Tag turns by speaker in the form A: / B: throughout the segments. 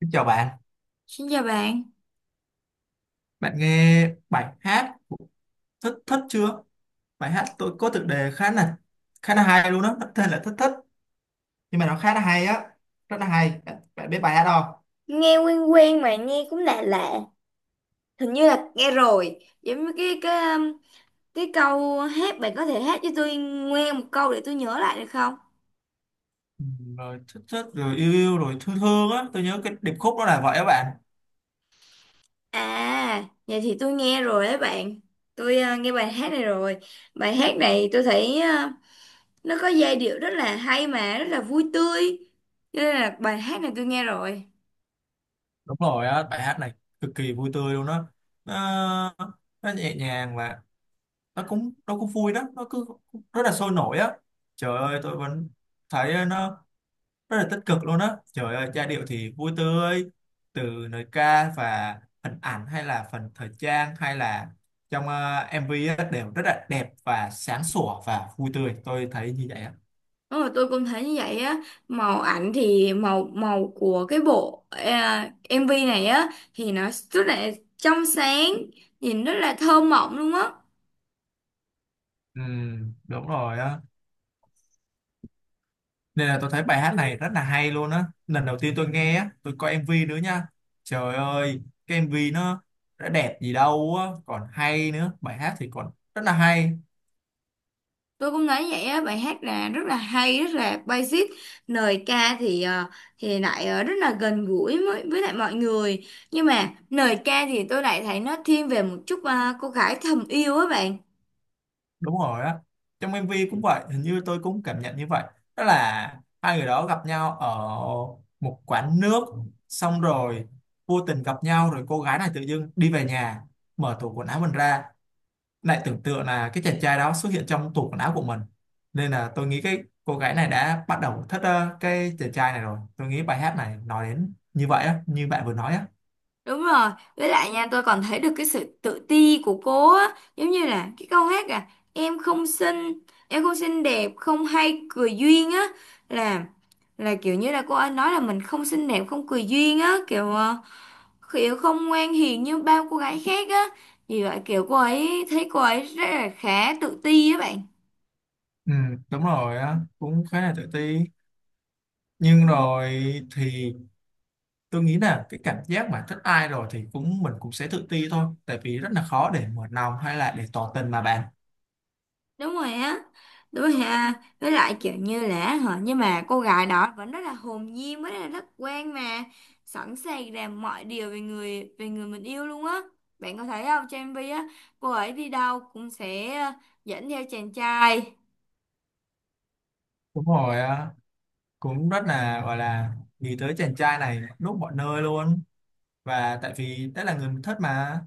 A: Xin chào bạn,
B: Xin chào bạn.
A: bạn nghe bài hát của Thất Thất chưa? Bài hát tôi có tựa đề khá là hay luôn đó, nó tên là Thất Thất nhưng mà nó khá là hay á, rất là hay. Bạn biết bài hát không?
B: Nghe quen quen mà nghe cũng lạ lạ, hình như là nghe rồi, giống như cái câu hát bạn có thể hát cho tôi nghe một câu để tôi nhớ lại được không?
A: Ừ, rồi Thất Thất rồi yêu yêu rồi thương thương á, tôi nhớ cái điệp khúc đó là vậy á bạn.
B: À, vậy thì tôi nghe rồi đấy bạn. Tôi nghe bài hát này rồi. Bài hát này tôi thấy nó có giai điệu rất là hay mà rất là vui tươi. Cho nên là bài hát này tôi nghe rồi.
A: Đúng rồi á, bài hát này cực kỳ vui tươi luôn đó. Nó, nó nhẹ nhàng và nó cũng vui đó, nó cứ rất là sôi nổi á. Trời ơi, tôi vẫn thấy nó rất là tích cực luôn á, trời ơi giai điệu thì vui tươi từ lời ca và hình ảnh hay là phần thời trang hay là trong MV á, đều rất là đẹp và sáng sủa và vui tươi, tôi thấy như vậy á.
B: Đúng rồi, tôi cũng thấy như vậy á. Màu ảnh thì màu màu của MV này á thì nó rất là trong sáng, nhìn rất là thơ mộng luôn á.
A: Ừ, đúng rồi á, nên là tôi thấy bài hát này rất là hay luôn á, lần đầu tiên tôi nghe á tôi coi MV nữa nha. Trời ơi, cái MV nó đã đẹp gì đâu á, còn hay nữa, bài hát thì còn rất là hay.
B: Tôi cũng nói vậy á, bài hát là rất là hay, rất là basic. Lời ca thì thì lại rất là gần gũi với lại mọi người. Nhưng mà lời ca thì tôi lại thấy nó thiên về một chút à, cô gái thầm yêu á bạn.
A: Đúng rồi á, trong MV cũng vậy, hình như tôi cũng cảm nhận như vậy, đó là hai người đó gặp nhau ở một quán nước, xong rồi vô tình gặp nhau, rồi cô gái này tự dưng đi về nhà mở tủ quần áo mình ra, lại tưởng tượng là cái chàng trai đó xuất hiện trong tủ quần áo của mình. Nên là tôi nghĩ cái cô gái này đã bắt đầu thích cái chàng trai này rồi. Tôi nghĩ bài hát này nói đến như vậy á, như bạn vừa nói á.
B: Đúng rồi, với lại nha tôi còn thấy được cái sự tự ti của cô á, giống như là cái câu hát à, em không xinh, em không xinh đẹp, không hay cười duyên á, là là kiểu như là cô ấy nói là mình không xinh đẹp, không cười duyên á, kiểu không ngoan hiền như bao cô gái khác á. Vì vậy kiểu cô ấy thấy cô ấy rất là khá tự ti á bạn.
A: Ừ, đúng rồi á, cũng khá là tự ti, nhưng rồi thì tôi nghĩ là cái cảm giác mà thích ai rồi thì cũng mình cũng sẽ tự ti thôi, tại vì rất là khó để mở lòng hay là để tỏ tình mà bạn.
B: Đúng rồi á, đúng rồi ha. Với lại kiểu như là hả, nhưng mà cô gái đó vẫn rất là hồn nhiên với là rất quen mà, sẵn sàng làm mọi điều về người mình yêu luôn á. Bạn có thấy không, trên MV á cô ấy đi đâu cũng sẽ dẫn theo chàng trai.
A: Đúng rồi á, cũng rất là gọi là nghĩ tới chàng trai này lúc mọi nơi luôn, và tại vì đó là người mình thích mà.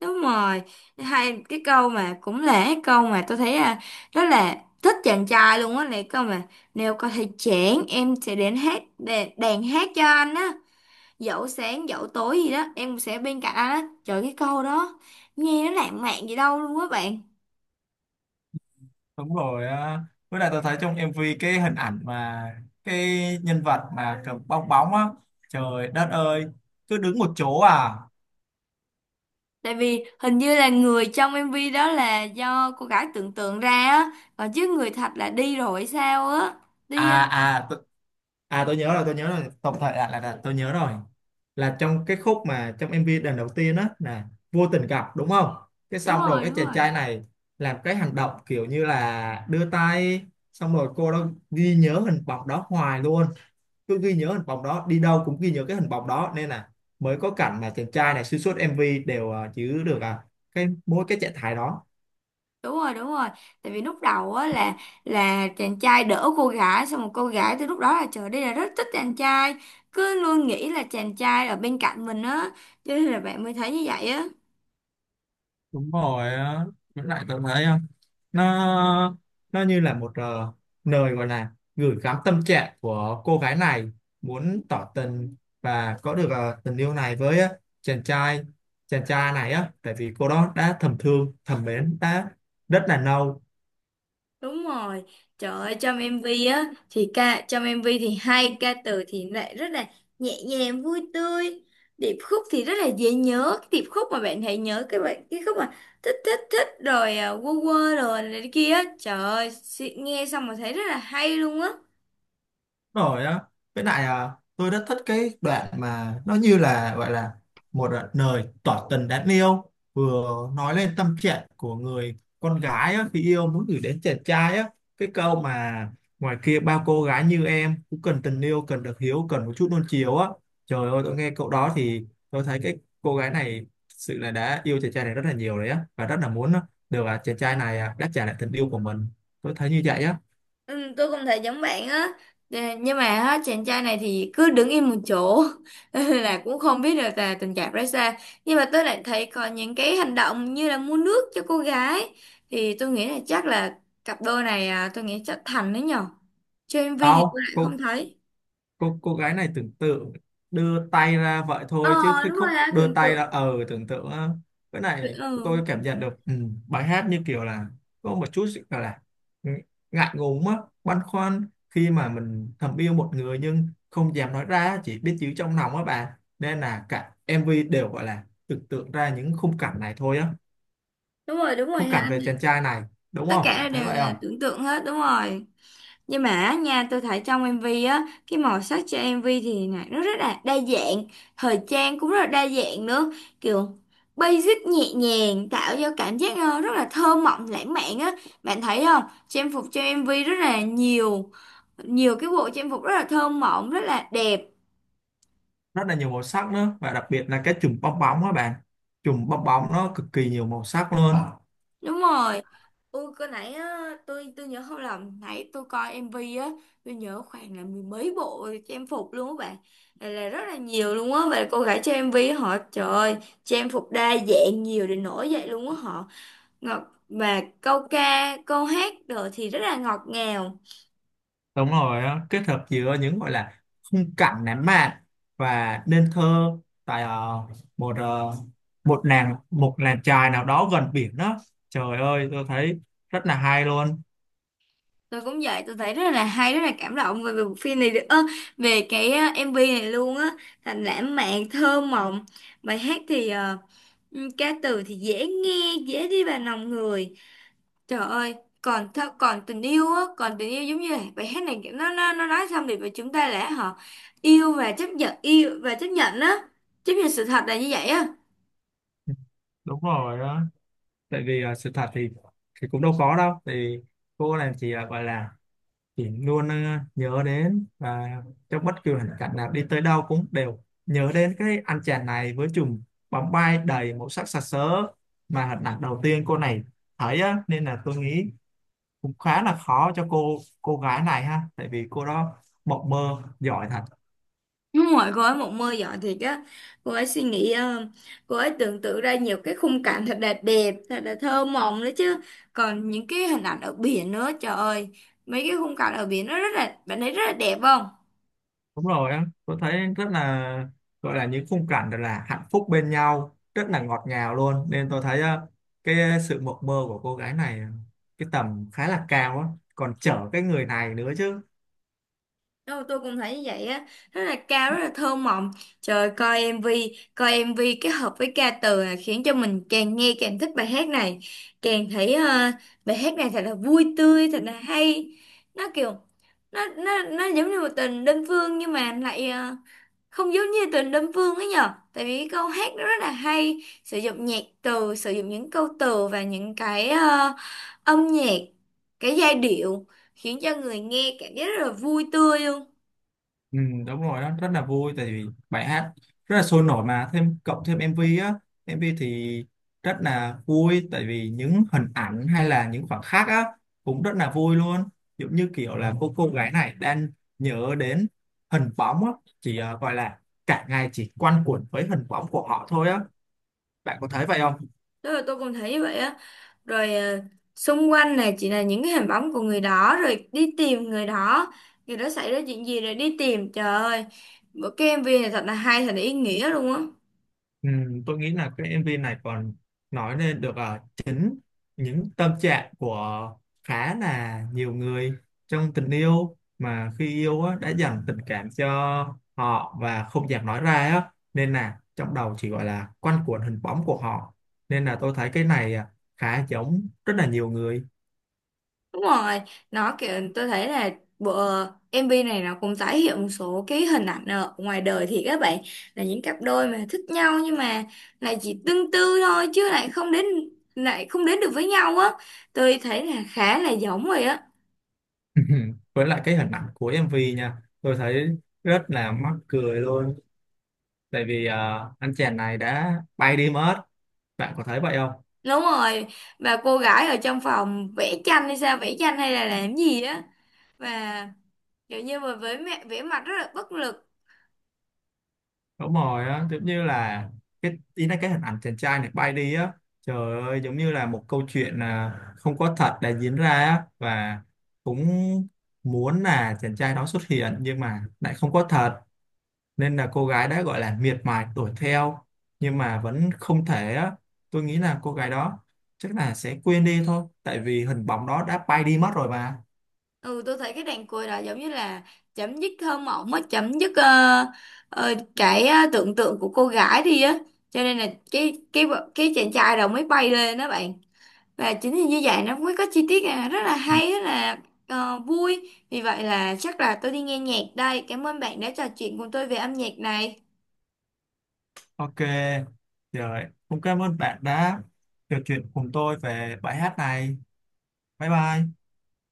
B: Đúng rồi, hay cái câu mà, cũng là cái câu mà tôi thấy là rất là thích chàng trai luôn á, này câu mà nếu có thể chẽn em sẽ đến đàn hát cho anh á, dẫu sáng dẫu tối gì đó em cũng sẽ bên cạnh anh á. Trời, cái câu đó nghe nó lãng mạn gì đâu luôn á bạn.
A: Đúng rồi á. Với lại tôi thấy trong em MV cái hình ảnh mà cái nhân vật mà cầm bong bóng á, trời đất ơi, cứ đứng một chỗ à.
B: Tại vì hình như là người trong MV đó là do cô gái tưởng tượng ra á, còn chứ người thật là đi rồi hay sao á, đi ờ,
A: à à t- À, tôi nhớ rồi, tôi nhớ rồi, tổng thể là tôi nhớ rồi, là trong cái khúc mà trong MV lần đầu tiên á là vô tình gặp đúng không, cái
B: đúng
A: xong rồi
B: rồi
A: cái
B: đúng
A: chàng
B: rồi
A: trai này làm cái hành động kiểu như là đưa tay, xong rồi cô đó ghi nhớ hình bóng đó hoài luôn, cứ ghi nhớ hình bóng đó, đi đâu cũng ghi nhớ cái hình bóng đó. Nên là mới có cảnh mà chàng trai này xuyên suốt MV đều giữ được à, cái mỗi cái trạng thái đó.
B: đúng rồi. Tại vì lúc đầu á là chàng trai đỡ cô gái xong một cô gái từ lúc đó là trời, đây là rất thích chàng trai, cứ luôn nghĩ là chàng trai ở bên cạnh mình á, cho nên là bạn mới thấy như vậy á.
A: Đúng rồi á. Với lại tôi thấy á, nó nó như là một lời gọi là gửi gắm tâm trạng của cô gái này, muốn tỏ tình và có được tình yêu này với chàng trai này á, tại vì cô đó đã thầm thương thầm mến đã rất là lâu
B: Đúng rồi, trời ơi trong MV á thì ca trong MV thì hay, ca từ thì lại rất là nhẹ nhàng vui tươi, điệp khúc thì rất là dễ nhớ, cái điệp khúc mà bạn hãy nhớ cái bạn cái khúc mà thích thích thích rồi à, quơ quơ rồi này kia á, trời ơi, nghe xong mà thấy rất là hay luôn á.
A: rồi á. Với lại à, tôi rất thích cái đoạn mà nó như là gọi là một à, lời tỏ tình đáng yêu, vừa nói lên tâm trạng của người con gái á, khi yêu muốn gửi đến chàng trai á, cái câu mà ngoài kia bao cô gái như em cũng cần tình yêu, cần được hiếu, cần một chút nuông chiều á. Trời ơi, tôi nghe câu đó thì tôi thấy cái cô gái này thực sự là đã yêu chàng trai này rất là nhiều rồi á, và rất là muốn được à, chàng trai này à, đáp trả lại tình yêu của mình, tôi thấy như vậy á.
B: Ừ, tôi cũng thấy giống bạn á. Nè, nhưng mà á, chàng trai này thì cứ đứng im một chỗ là cũng không biết được là tình cảm ra sao. Nhưng mà tôi lại thấy có những cái hành động như là mua nước cho cô gái, thì tôi nghĩ là chắc là cặp đôi này à, tôi nghĩ chắc thành đấy nhở, trên MV thì tôi
A: Đâu,
B: lại không thấy.
A: cô gái này tưởng tượng đưa tay ra vậy
B: Ờ,
A: thôi, chứ cái
B: đúng rồi
A: khúc
B: ha,
A: đưa
B: tưởng
A: tay ra
B: tượng.
A: tưởng tượng á, cái này tôi
B: Ừ,
A: cảm nhận được. Ừ, bài hát như kiểu là có một chút sự gọi là ng- ngại ngùng á, băn khoăn khi mà mình thầm yêu một người nhưng không dám nói ra, chỉ biết giữ trong lòng á bà. Nên là cả MV đều gọi là tưởng tượng ra những khung cảnh này thôi á,
B: đúng rồi, đúng rồi
A: khung
B: ha,
A: cảnh về chàng trai này, đúng
B: tất
A: không, bạn
B: cả
A: thấy
B: đều
A: vậy
B: là
A: không?
B: tưởng tượng hết, đúng rồi. Nhưng mà á nha, tôi thấy trong MV á, cái màu sắc cho MV thì này nó rất là đa dạng, thời trang cũng rất là đa dạng nữa, kiểu basic nhẹ nhàng, tạo cho cảm giác rất là thơ mộng lãng mạn á. Bạn thấy không? Trang phục cho MV rất là nhiều, nhiều cái bộ trang phục rất là thơ mộng, rất là đẹp.
A: Rất là nhiều màu sắc nữa, và đặc biệt là cái chùm bong bóng á bạn, chùm bong bóng nó cực kỳ nhiều màu sắc luôn.
B: Đúng rồi. Ui, cái nãy á, tôi nhớ không lầm, nãy tôi coi MV á, tôi nhớ khoảng là mười mấy bộ trang phục luôn á bạn, là rất là nhiều luôn á, và cô gái trong em á, họ trời ơi, trang phục đa dạng nhiều đến nỗi vậy luôn á, họ ngọt, và câu ca câu hát rồi thì rất là ngọt ngào.
A: Đúng rồi á, kết hợp giữa những gọi là khung cảnh lãng mạn và nên thơ, tại một ờ, một làng một làng chài nào đó gần biển đó, trời ơi tôi thấy rất là hay luôn.
B: Tôi cũng vậy, tôi thấy rất là hay, rất là cảm động về về bộ phim này được về cái á, MV này luôn á, thành lãng mạn thơ mộng. Bài hát thì ca từ thì dễ nghe, dễ đi vào lòng người. Trời ơi, còn tình yêu á, còn tình yêu giống như là bài hát này kiểu nó nói xong thì chúng ta lẽ họ yêu và chấp nhận, yêu và chấp nhận á, chấp nhận sự thật là như vậy á.
A: Đúng rồi đó, tại vì sự thật thì cũng đâu có đâu, thì cô này chỉ là gọi là chị luôn nhớ đến, và trong bất cứ hoàn cảnh nào đi tới đâu cũng đều nhớ đến cái anh chàng này với chùm bóng bay đầy màu sắc sặc sỡ, mà hình ảnh đầu tiên cô này thấy á. Nên là tôi nghĩ cũng khá là khó cho cô gái này ha, tại vì cô đó mộng mơ giỏi thật.
B: Đúng rồi, cô ấy một mơ giỏi thiệt á. Cô ấy suy nghĩ cô ấy tưởng tượng ra nhiều cái khung cảnh thật là đẹp, thật là thơ mộng nữa chứ. Còn những cái hình ảnh ở biển nữa, trời ơi, mấy cái khung cảnh ở biển nó rất là, bạn thấy rất là đẹp không?
A: Đúng rồi á, tôi thấy rất là gọi là những khung cảnh thật là hạnh phúc bên nhau, rất là ngọt ngào luôn. Nên tôi thấy cái sự mộng mơ của cô gái này cái tầm khá là cao á, còn chở cái người này nữa chứ.
B: Đâu, tôi cũng thấy như vậy á, rất là cao, rất là thơ mộng. Trời, coi MV kết hợp với ca từ là khiến cho mình càng nghe càng thích bài hát này, càng thấy bài hát này thật là vui tươi, thật là hay. Nó kiểu, nó giống như một tình đơn phương, nhưng mà lại không giống như tình đơn phương ấy nhở, tại vì cái câu hát nó rất là hay, sử dụng nhạc từ, sử dụng những câu từ và những cái âm nhạc, cái giai điệu khiến cho người nghe cảm giác rất là vui tươi luôn.
A: Ừ, đúng rồi đó, rất là vui tại vì bài hát rất là sôi nổi, mà thêm cộng thêm MV á, MV thì rất là vui tại vì những hình ảnh hay là những khoảnh khắc á cũng rất là vui luôn, giống như kiểu là cô gái này đang nhớ đến hình bóng á, chỉ gọi là cả ngày chỉ quanh quẩn với hình bóng của họ thôi á, bạn có thấy vậy không?
B: Đó là tôi cũng thấy vậy á, rồi ờ, xung quanh này chỉ là những cái hình bóng của người đó, rồi đi tìm người đó, người đó xảy ra chuyện gì rồi đi tìm. Trời ơi, bộ cái MV này thật là hay, thật là ý nghĩa luôn á.
A: Ừ, tôi nghĩ là cái MV này còn nói lên được chính những tâm trạng của khá là nhiều người trong tình yêu, mà khi yêu á, đã dành tình cảm cho họ và không dám nói ra á. Nên là trong đầu chỉ gọi là quanh quẩn hình bóng của họ, nên là tôi thấy cái này à, khá giống rất là nhiều người.
B: Đúng rồi, nó kiểu tôi thấy là bộ MV này nó cũng tái hiện một số cái hình ảnh ở ngoài đời, thì các bạn là những cặp đôi mà thích nhau nhưng mà lại chỉ tương tư thôi chứ lại không đến, lại không đến được với nhau á, tôi thấy là khá là giống rồi á.
A: Với lại cái hình ảnh của MV nha, tôi thấy rất là mắc cười luôn, tại vì anh chàng này đã bay đi mất, bạn có thấy vậy không?
B: Đúng rồi, và cô gái ở trong phòng vẽ tranh hay sao, vẽ tranh hay là làm gì á, và kiểu như mà với mẹ vẽ mặt rất là bất lực.
A: Đúng rồi á, giống như là cái ý là cái hình ảnh chàng trai này bay đi á, trời ơi giống như là một câu chuyện à, không có thật đã diễn ra á, và cũng muốn là chàng trai đó xuất hiện nhưng mà lại không có thật. Nên là cô gái đã gọi là miệt mài đuổi theo, nhưng mà vẫn không thể á. Tôi nghĩ là cô gái đó chắc là sẽ quên đi thôi, tại vì hình bóng đó đã bay đi mất rồi mà.
B: Ừ, tôi thấy cái đàn cười đó giống như là chấm dứt thơ mộng á, chấm dứt tưởng tượng của cô gái đi á. Cho nên là cái chàng trai đó mới bay lên đó bạn. Và chính vì như vậy nó mới có chi tiết à, rất là
A: Ừ.
B: hay, rất là vui. Vì vậy là chắc là tôi đi nghe nhạc đây. Cảm ơn bạn đã trò chuyện cùng tôi về âm nhạc này.
A: Ok, rồi, cũng cảm ơn bạn đã trò chuyện cùng tôi về bài hát này. Bye bye.